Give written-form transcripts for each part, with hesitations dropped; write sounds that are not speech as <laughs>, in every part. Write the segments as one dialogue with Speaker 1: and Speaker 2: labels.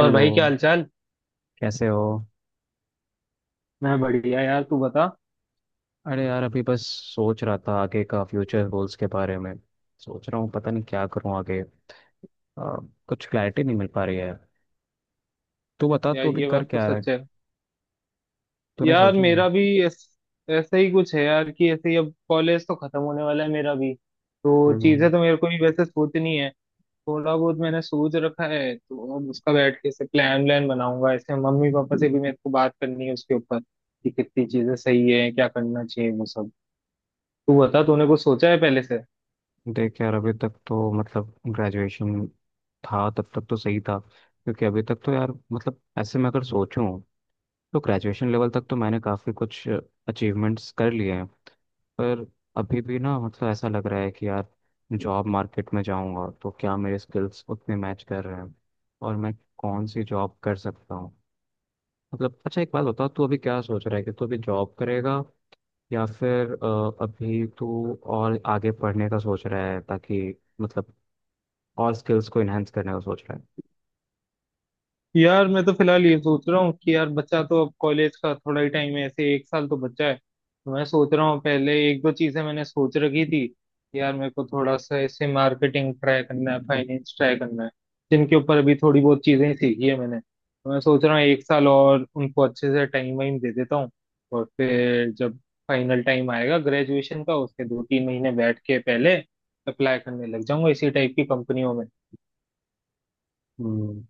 Speaker 1: और भाई क्या हालचाल।
Speaker 2: कैसे हो?
Speaker 1: मैं बढ़िया यार, तू बता।
Speaker 2: अरे यार, अभी बस सोच रहा था आगे का फ्यूचर गोल्स के बारे में। सोच रहा हूँ पता नहीं क्या करूँ आगे। आ, कुछ क्लैरिटी नहीं मिल पा रही है। तू बता,
Speaker 1: यार
Speaker 2: तू अभी
Speaker 1: ये
Speaker 2: कर
Speaker 1: बात तो
Speaker 2: क्या रहा है?
Speaker 1: सच है।
Speaker 2: तूने
Speaker 1: यार
Speaker 2: सोचा है?
Speaker 1: मेरा भी ऐसा ही कुछ है यार, कि ऐसे ही अब कॉलेज तो खत्म होने वाला है मेरा भी, तो
Speaker 2: हम्म।
Speaker 1: चीजें तो मेरे को भी वैसे सोचनी है। थोड़ा बहुत मैंने सोच रखा है, तो अब उसका बैठ के ऐसे प्लान व्लान बनाऊंगा, ऐसे मम्मी पापा से भी मेरे को बात करनी है उसके ऊपर कि कितनी चीजें सही है, क्या करना चाहिए, वो सब। तू बता, तूने कुछ सोचा है पहले से।
Speaker 2: देख यार, अभी तक तो मतलब ग्रेजुएशन था तब तक तो सही था, क्योंकि अभी तक तो यार मतलब ऐसे मैं अगर सोचूं तो ग्रेजुएशन लेवल तक तो मैंने काफ़ी कुछ अचीवमेंट्स कर लिए हैं। पर अभी भी ना मतलब ऐसा लग रहा है कि यार जॉब मार्केट में जाऊंगा तो क्या मेरे स्किल्स उतने मैच कर रहे हैं, और मैं कौन सी जॉब कर सकता हूँ? मतलब अच्छा, एक बात बता, तू अभी क्या सोच रहा है, कि तू अभी जॉब करेगा या फिर अभी तू और आगे पढ़ने का सोच रहा है ताकि मतलब और स्किल्स को इनहेंस करने का सोच रहा है?
Speaker 1: यार मैं तो फिलहाल ये सोच रहा हूँ कि यार बच्चा तो अब कॉलेज का थोड़ा ही टाइम है, ऐसे एक साल तो बच्चा है, तो मैं सोच रहा हूँ, पहले एक दो चीजें मैंने सोच रखी थी कि यार मेरे को थोड़ा सा ऐसे मार्केटिंग ट्राई करना है, फाइनेंस ट्राई करना है। जिनके ऊपर अभी थोड़ी बहुत चीजें सीखी है मैंने, तो मैं सोच रहा हूँ एक साल और उनको अच्छे से टाइम वाइम दे देता हूँ। और फिर जब फाइनल टाइम आएगा ग्रेजुएशन का, उसके दो तीन महीने बैठ के पहले अप्लाई करने लग जाऊंगा इसी टाइप की कंपनियों में।
Speaker 2: हम्म।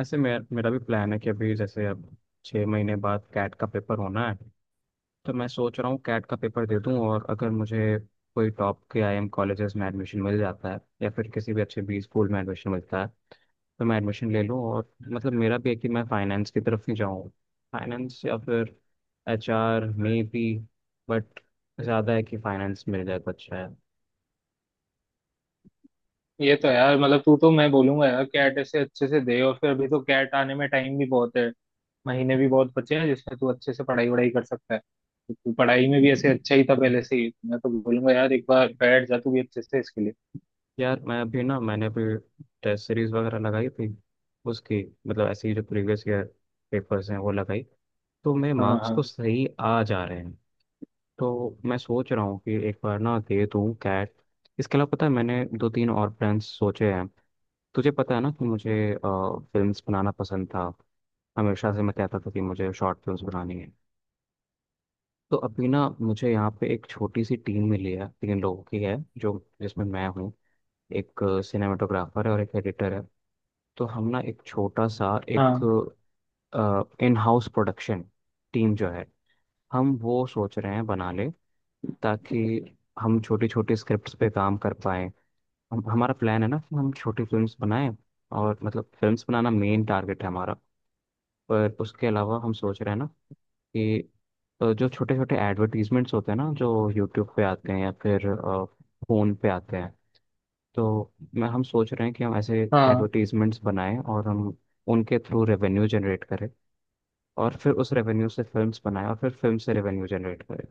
Speaker 2: ऐसे मेरा मेरा भी प्लान है कि अभी जैसे अब 6 महीने बाद कैट का पेपर होना है। तो मैं सोच रहा हूँ कैट का पेपर दे दूँ, और अगर मुझे कोई टॉप के आईएम कॉलेजेस में एडमिशन मिल जाता है या फिर किसी भी अच्छे बी स्कूल में एडमिशन मिलता है तो मैं एडमिशन ले लूँ। और मतलब मेरा भी है कि मैं फाइनेंस की तरफ ही जाऊँ। फाइनेंस या फिर एच आर मे बी। बट ज़्यादा है कि फाइनेंस मिल जाए तो अच्छा है।
Speaker 1: ये तो यार, मतलब तू तो, मैं बोलूंगा यार, कैट ऐसे अच्छे से दे, और फिर अभी तो कैट आने में टाइम भी बहुत है, महीने भी बहुत बचे हैं जिसमें तू अच्छे से पढ़ाई वढ़ाई कर सकता है। तो तू पढ़ाई में भी ऐसे अच्छा ही था पहले से ही, मैं तो बोलूंगा यार एक बार बैठ जा तू भी अच्छे से इसके लिए।
Speaker 2: यार मैं अभी ना, मैंने अभी टेस्ट सीरीज वगैरह लगाई थी उसकी, मतलब ऐसे ही जो प्रीवियस ईयर पेपर्स हैं वो लगाई, तो मेरे
Speaker 1: हाँ
Speaker 2: मार्क्स तो
Speaker 1: हाँ।
Speaker 2: सही आ जा रहे हैं। तो मैं सोच रहा हूँ कि एक बार ना दे दूँ कैट। इसके अलावा पता है मैंने दो तीन और ब्रांड्स सोचे हैं। तुझे पता है ना कि मुझे फिल्म्स बनाना पसंद था? हमेशा से मैं कहता था कि मुझे शॉर्ट फिल्म्स बनानी है। तो अभी ना मुझे यहाँ पे एक छोटी सी टीम मिली है, तीन लोगों की है, जो जिसमें मैं हूँ, एक सिनेमाटोग्राफर है और एक एडिटर है। तो हम ना एक छोटा सा एक
Speaker 1: हाँ
Speaker 2: इन हाउस प्रोडक्शन टीम जो है, हम वो सोच रहे हैं बनाने, ताकि हम छोटी छोटी स्क्रिप्ट्स पे काम कर पाएं। हम हमारा प्लान है ना कि हम छोटी फिल्म्स बनाएं, और मतलब फिल्म्स बनाना मेन टारगेट है हमारा। पर उसके अलावा हम सोच रहे हैं ना कि जो छोटे छोटे एडवर्टीजमेंट्स होते हैं ना, जो यूट्यूब पे आते हैं या फिर फ़ोन पे आते हैं, तो मैं हम सोच रहे हैं कि हम ऐसे
Speaker 1: हाँ।
Speaker 2: एडवर्टीजमेंट्स बनाएं और हम उनके थ्रू रेवेन्यू जनरेट करें, और फिर उस रेवेन्यू से फिल्म्स बनाएं और फिर फिल्म से रेवेन्यू जनरेट करें।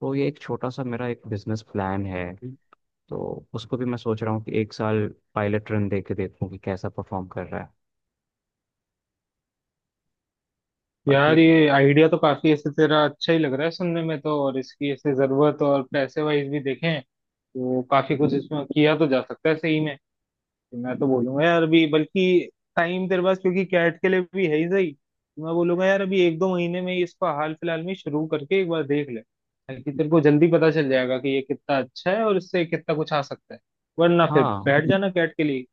Speaker 2: तो ये एक छोटा सा मेरा एक बिजनेस प्लान है। तो उसको भी मैं सोच रहा हूँ कि एक साल पायलट रन दे के देखूँ कि कैसा परफॉर्म कर रहा है। बाकी,
Speaker 1: यार ये आइडिया तो काफी ऐसे तेरा अच्छा ही लग रहा है सुनने में तो, और इसकी ऐसे जरूरत और पैसे वाइज भी देखें तो काफी कुछ इसमें किया तो जा सकता है सही में। मैं तो बोलूंगा यार अभी बल्कि, टाइम तेरे पास क्योंकि कैट के लिए भी है ही सही, तो मैं बोलूंगा यार अभी एक दो महीने में ही इसको हाल फिलहाल में शुरू करके एक बार देख ले, ताकि तेरे को जल्दी पता चल जाएगा कि ये कितना अच्छा है और इससे कितना कुछ आ सकता है। वरना फिर
Speaker 2: हाँ,
Speaker 1: बैठ जाना कैट के लिए।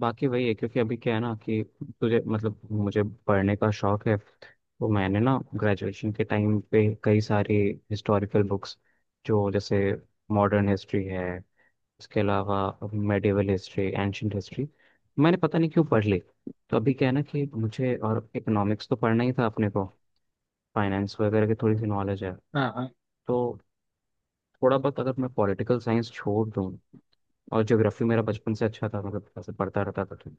Speaker 2: बाकी वही है क्योंकि अभी क्या है ना कि तुझे मतलब मुझे पढ़ने का शौक है, तो मैंने ना ग्रेजुएशन के टाइम पे कई सारी हिस्टोरिकल बुक्स, जो जैसे मॉडर्न हिस्ट्री है, इसके अलावा मेडिवल हिस्ट्री, एंशंट हिस्ट्री, मैंने पता नहीं क्यों पढ़ ली। तो अभी क्या है ना कि मुझे और इकोनॉमिक्स तो पढ़ना ही था अपने को, फाइनेंस वगैरह की थोड़ी सी नॉलेज है,
Speaker 1: हाँ हाँ।
Speaker 2: तो थोड़ा बहुत, अगर मैं पॉलिटिकल साइंस छोड़ दूँ, और ज्योग्राफी मेरा बचपन से अच्छा था, मतलब ऐसे पढ़ता रहता था, तो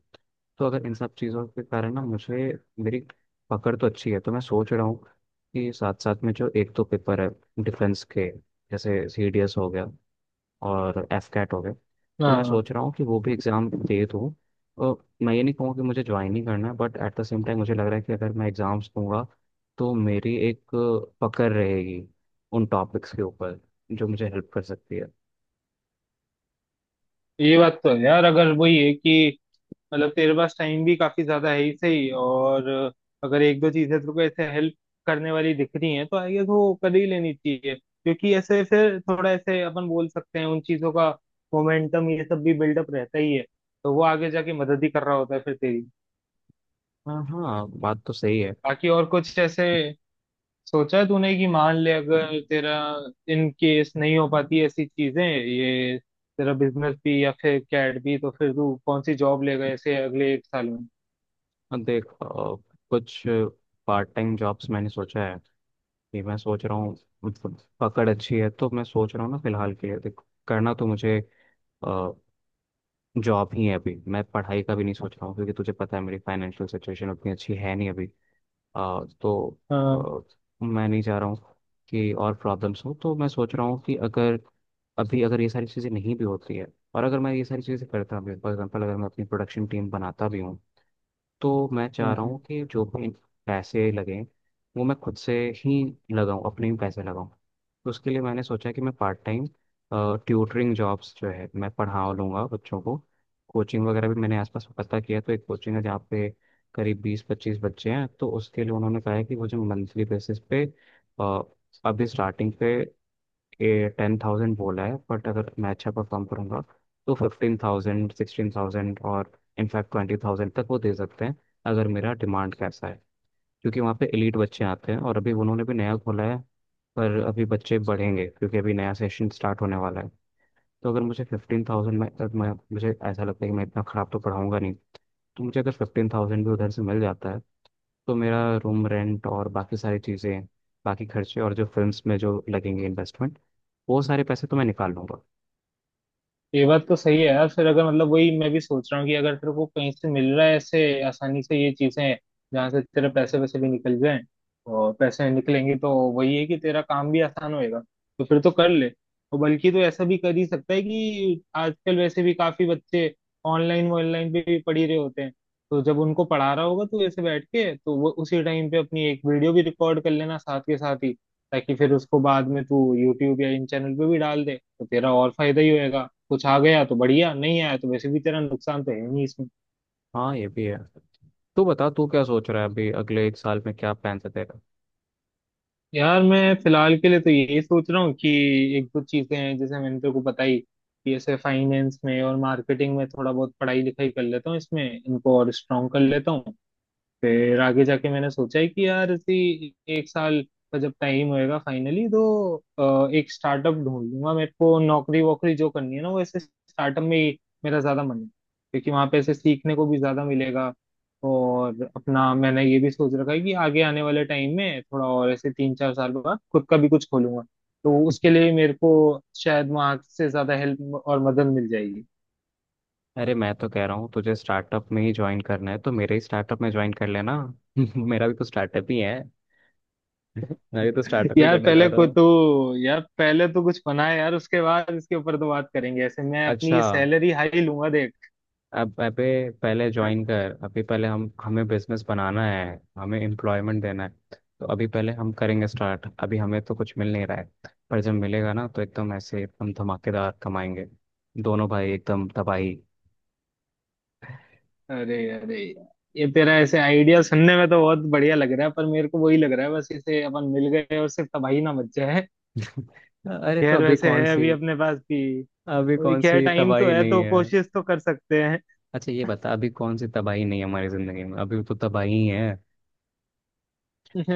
Speaker 2: अगर इन सब चीज़ों के कारण ना मुझे, मेरी पकड़ तो अच्छी है, तो मैं सोच रहा हूँ कि साथ साथ में जो एक दो पेपर है डिफेंस के, जैसे सी डी एस हो गया और एफ कैट हो गया, तो
Speaker 1: हाँ
Speaker 2: मैं
Speaker 1: हाँ।
Speaker 2: सोच रहा हूँ कि वो भी एग्ज़ाम दे दूँ। और मैं ये नहीं कहूँगा कि मुझे ज्वाइन ही करना है, but at the same time मुझे लग रहा है कि अगर मैं एग्ज़ाम्स दूंगा तो मेरी एक पकड़ रहेगी उन टॉपिक्स के ऊपर, जो मुझे हेल्प कर सकती है।
Speaker 1: ये बात तो है यार, अगर वही है कि मतलब तेरे पास टाइम भी काफी ज्यादा है ही सही, और अगर एक दो चीजें तेरे को ऐसे हेल्प करने वाली दिख रही हैं, तो आई गेस वो कर ही लेनी चाहिए, क्योंकि ऐसे फिर थोड़ा, ऐसे अपन बोल सकते हैं, उन चीजों का मोमेंटम ये सब भी बिल्डअप रहता ही है, तो वो आगे जाके मदद ही कर रहा होता है फिर तेरी।
Speaker 2: हाँ हाँ, बात तो सही है।
Speaker 1: बाकी और कुछ ऐसे सोचा है तूने कि मान ले अगर तेरा इन केस नहीं हो पाती ऐसी चीजें, ये तेरा बिजनेस भी या फिर कैट भी, तो फिर तू कौन सी जॉब लेगा ऐसे अगले एक साल में।
Speaker 2: अब देख, कुछ पार्ट टाइम जॉब्स मैंने सोचा है कि, मैं सोच रहा हूँ, मतलब पकड़ अच्छी है, तो मैं सोच रहा हूँ ना फिलहाल के लिए, देख, करना तो मुझे जॉब ही है। अभी मैं पढ़ाई का भी नहीं सोच रहा हूँ क्योंकि तुझे पता है मेरी फाइनेंशियल सिचुएशन उतनी अच्छी है नहीं अभी। तो
Speaker 1: हाँ
Speaker 2: मैं नहीं चाह रहा हूँ कि और प्रॉब्लम्स हो। तो मैं सोच रहा हूँ कि अगर अभी अगर ये सारी चीज़ें नहीं भी होती है, और अगर मैं ये सारी चीज़ें करता भी, फॉर एग्जाम्पल अगर मैं अपनी प्रोडक्शन टीम बनाता भी हूँ, तो मैं चाह रहा
Speaker 1: हाँ,
Speaker 2: हूँ कि जो भी पैसे लगें वो मैं खुद से ही लगाऊं, अपने ही पैसे लगाऊं। तो उसके लिए मैंने सोचा कि मैं पार्ट टाइम ट्यूटरिंग जॉब्स जो है, मैं पढ़ा लूँगा बच्चों को। कोचिंग वगैरह भी मैंने आसपास पता किया, तो एक कोचिंग है जहाँ पे करीब बीस पच्चीस बच्चे हैं, तो उसके लिए उन्होंने कहा है कि मुझे मंथली बेसिस पे अ, अभी स्टार्टिंग पे ये 10,000 बोला है, बट अगर मैं अच्छा परफॉर्म करूंगा तो 15,000, 16,000, और इनफैक्ट 20,000 तक वो दे सकते हैं, अगर मेरा डिमांड कैसा है। क्योंकि वहाँ पे एलीट बच्चे आते हैं और अभी उन्होंने भी नया खोला है, पर अभी बच्चे बढ़ेंगे क्योंकि अभी नया सेशन स्टार्ट होने वाला है। तो अगर मुझे फिफ्टीन थाउजेंड में, अगर मैं मुझे ऐसा लगता है कि मैं इतना ख़राब तो पढ़ाऊंगा नहीं, तो मुझे अगर 15,000 भी उधर से मिल जाता है तो मेरा रूम रेंट और बाकी सारी चीज़ें, बाकी खर्चे, और जो फिल्म्स में जो लगेंगे इन्वेस्टमेंट, वो सारे पैसे तो मैं निकाल लूंगा।
Speaker 1: ये बात तो सही है यार। फिर अगर मतलब वही मैं भी सोच रहा हूँ कि अगर तेरे को कहीं से मिल रहा है ऐसे आसानी से ये चीजें, जहाँ से तेरे पैसे वैसे भी निकल जाएं, और पैसे निकलेंगे तो वही है कि तेरा काम भी आसान होएगा, तो फिर तो कर ले। और बल्कि तो ऐसा भी कर ही सकता है कि आजकल वैसे भी काफी बच्चे ऑनलाइन ऑनलाइन पे भी पढ़ी रहे होते हैं, तो जब उनको पढ़ा रहा होगा तो ऐसे बैठ के तो वो उसी टाइम पे अपनी एक वीडियो भी रिकॉर्ड कर लेना साथ के साथ ही, ताकि फिर उसको बाद में तू यूट्यूब या इन चैनल पे भी डाल दे, तो तेरा और फायदा ही होएगा। कुछ आ गया तो बढ़िया, नहीं आया तो वैसे भी तेरा नुकसान तो है नहीं इसमें।
Speaker 2: हाँ, ये भी है। तू बता, तू क्या सोच रहा है अभी? अगले एक साल में क्या प्लान है तेरा?
Speaker 1: यार मैं फिलहाल के लिए तो यही सोच रहा हूँ कि एक दो चीजें हैं जैसे मैंने तेरे को बताई, कि ऐसे फाइनेंस में और मार्केटिंग में थोड़ा बहुत पढ़ाई लिखाई कर लेता हूँ, इसमें इनको और स्ट्रॉन्ग कर लेता हूँ। फिर आगे जाके मैंने सोचा है कि यार इसी एक साल का जब टाइम होएगा फाइनली, तो एक स्टार्टअप ढूंढ लूंगा। मेरे को नौकरी वोकरी जो करनी है ना, वो ऐसे स्टार्टअप में ही मेरा ज्यादा मन है, क्योंकि वहां पे ऐसे सीखने को भी ज्यादा मिलेगा। और अपना मैंने ये भी सोच रखा है कि आगे आने वाले टाइम में थोड़ा और ऐसे तीन चार साल बाद खुद का भी कुछ खोलूंगा, तो उसके लिए
Speaker 2: <laughs>
Speaker 1: मेरे को शायद वहां से ज्यादा हेल्प और मदद मिल जाएगी।
Speaker 2: अरे, मैं तो कह रहा हूँ तुझे स्टार्टअप में ही ज्वाइन करना है तो मेरे ही स्टार्टअप में ज्वाइन कर लेना। <laughs> मेरा भी तो स्टार्टअप ही है, मैं भी तो स्टार्टअप ही
Speaker 1: यार
Speaker 2: करने जा
Speaker 1: पहले
Speaker 2: रहा
Speaker 1: को
Speaker 2: हूँ।
Speaker 1: तो यार पहले तो कुछ बना है यार, उसके बाद इसके ऊपर तो बात करेंगे, ऐसे मैं
Speaker 2: अच्छा।
Speaker 1: अपनी सैलरी हाई लूंगा देख।
Speaker 2: अब अबे पहले ज्वाइन कर। अभी पहले हम हमें बिजनेस बनाना है, हमें एम्प्लॉयमेंट देना है। तो अभी पहले हम करेंगे स्टार्ट, अभी हमें तो कुछ मिल नहीं रहा है, पर जब मिलेगा ना तो एकदम ऐसे एकदम धमाकेदार कमाएंगे। दोनों भाई एकदम तबाही।
Speaker 1: अरे अरे यार, ये तेरा ऐसे आइडिया सुनने में तो बहुत बढ़िया लग रहा है, पर मेरे को वही लग रहा है बस इसे अपन मिल गए और सिर्फ तबाही ना मच जाए।
Speaker 2: अरे तो
Speaker 1: खैर वैसे है अभी अपने पास भी,
Speaker 2: अभी
Speaker 1: वही
Speaker 2: कौन
Speaker 1: खैर
Speaker 2: सी
Speaker 1: टाइम तो
Speaker 2: तबाही
Speaker 1: है,
Speaker 2: नहीं
Speaker 1: तो
Speaker 2: है?
Speaker 1: कोशिश तो कर सकते हैं।
Speaker 2: अच्छा ये बता, अभी कौन सी तबाही नहीं है हमारी जिंदगी में? अभी तो तबाही है।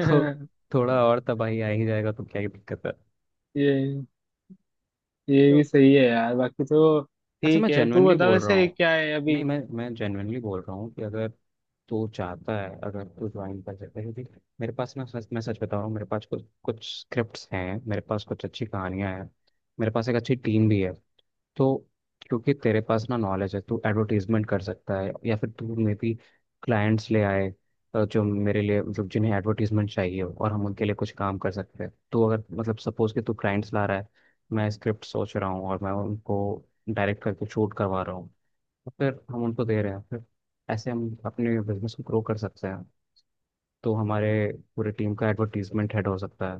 Speaker 2: तो थोड़ा और तबाही आ ही जाएगा तो क्या ही दिक्कत है?
Speaker 1: ये ये भी
Speaker 2: तो
Speaker 1: सही है यार बाकी तो।
Speaker 2: अच्छा, मैं
Speaker 1: ठीक है, तू
Speaker 2: जेन्युइनली
Speaker 1: बता
Speaker 2: बोल रहा
Speaker 1: वैसे
Speaker 2: हूँ।
Speaker 1: क्या है अभी।
Speaker 2: नहीं, मैं जेन्युइनली बोल रहा हूँ कि अगर तू चाहता है, अगर तू ज्वाइन कर सकता है क्योंकि मेरे पास ना, सच, मैं सच बता रहा हूँ, मेरे पास कुछ कुछ स्क्रिप्ट्स हैं, मेरे पास कुछ अच्छी कहानियाँ हैं, मेरे पास एक अच्छी टीम भी है। तो क्योंकि तेरे पास ना नॉलेज है, तू एडवर्टीजमेंट कर सकता है या फिर तू मे भी क्लाइंट्स ले आए, जो मेरे लिए, मतलब जिन्हें एडवर्टीजमेंट चाहिए हो, और हम उनके लिए कुछ काम कर सकते हैं। तू अगर मतलब सपोज कि तू क्लाइंट्स ला रहा है, मैं स्क्रिप्ट सोच रहा हूँ और मैं उनको डायरेक्ट करके शूट करवा रहा हूँ, और फिर हम उनको दे रहे हैं, फिर ऐसे हम अपने बिजनेस को ग्रो कर सकते हैं। तो हमारे पूरे टीम का एडवर्टीजमेंट हेड हो सकता है।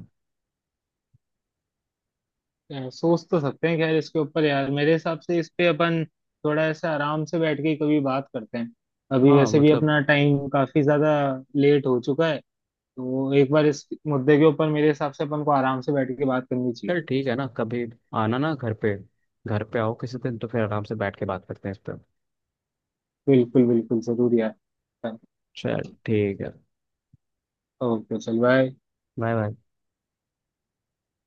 Speaker 1: यार, सोच तो सकते हैं खैर इसके ऊपर, यार मेरे हिसाब से इस पे अपन थोड़ा ऐसे आराम से बैठ के कभी बात करते हैं। अभी
Speaker 2: हाँ
Speaker 1: वैसे भी
Speaker 2: मतलब,
Speaker 1: अपना टाइम काफी ज्यादा लेट हो चुका है, तो एक बार इस मुद्दे के ऊपर मेरे हिसाब से अपन को आराम से बैठ के बात करनी चाहिए।
Speaker 2: चल ठीक है ना, कभी आना ना घर पे। घर पे आओ किसी दिन तो फिर आराम से बैठ के बात करते हैं इस पर।
Speaker 1: बिल्कुल बिल्कुल जरूर यार।
Speaker 2: चल ठीक है।
Speaker 1: ओके, चल बाय।
Speaker 2: Bye bye.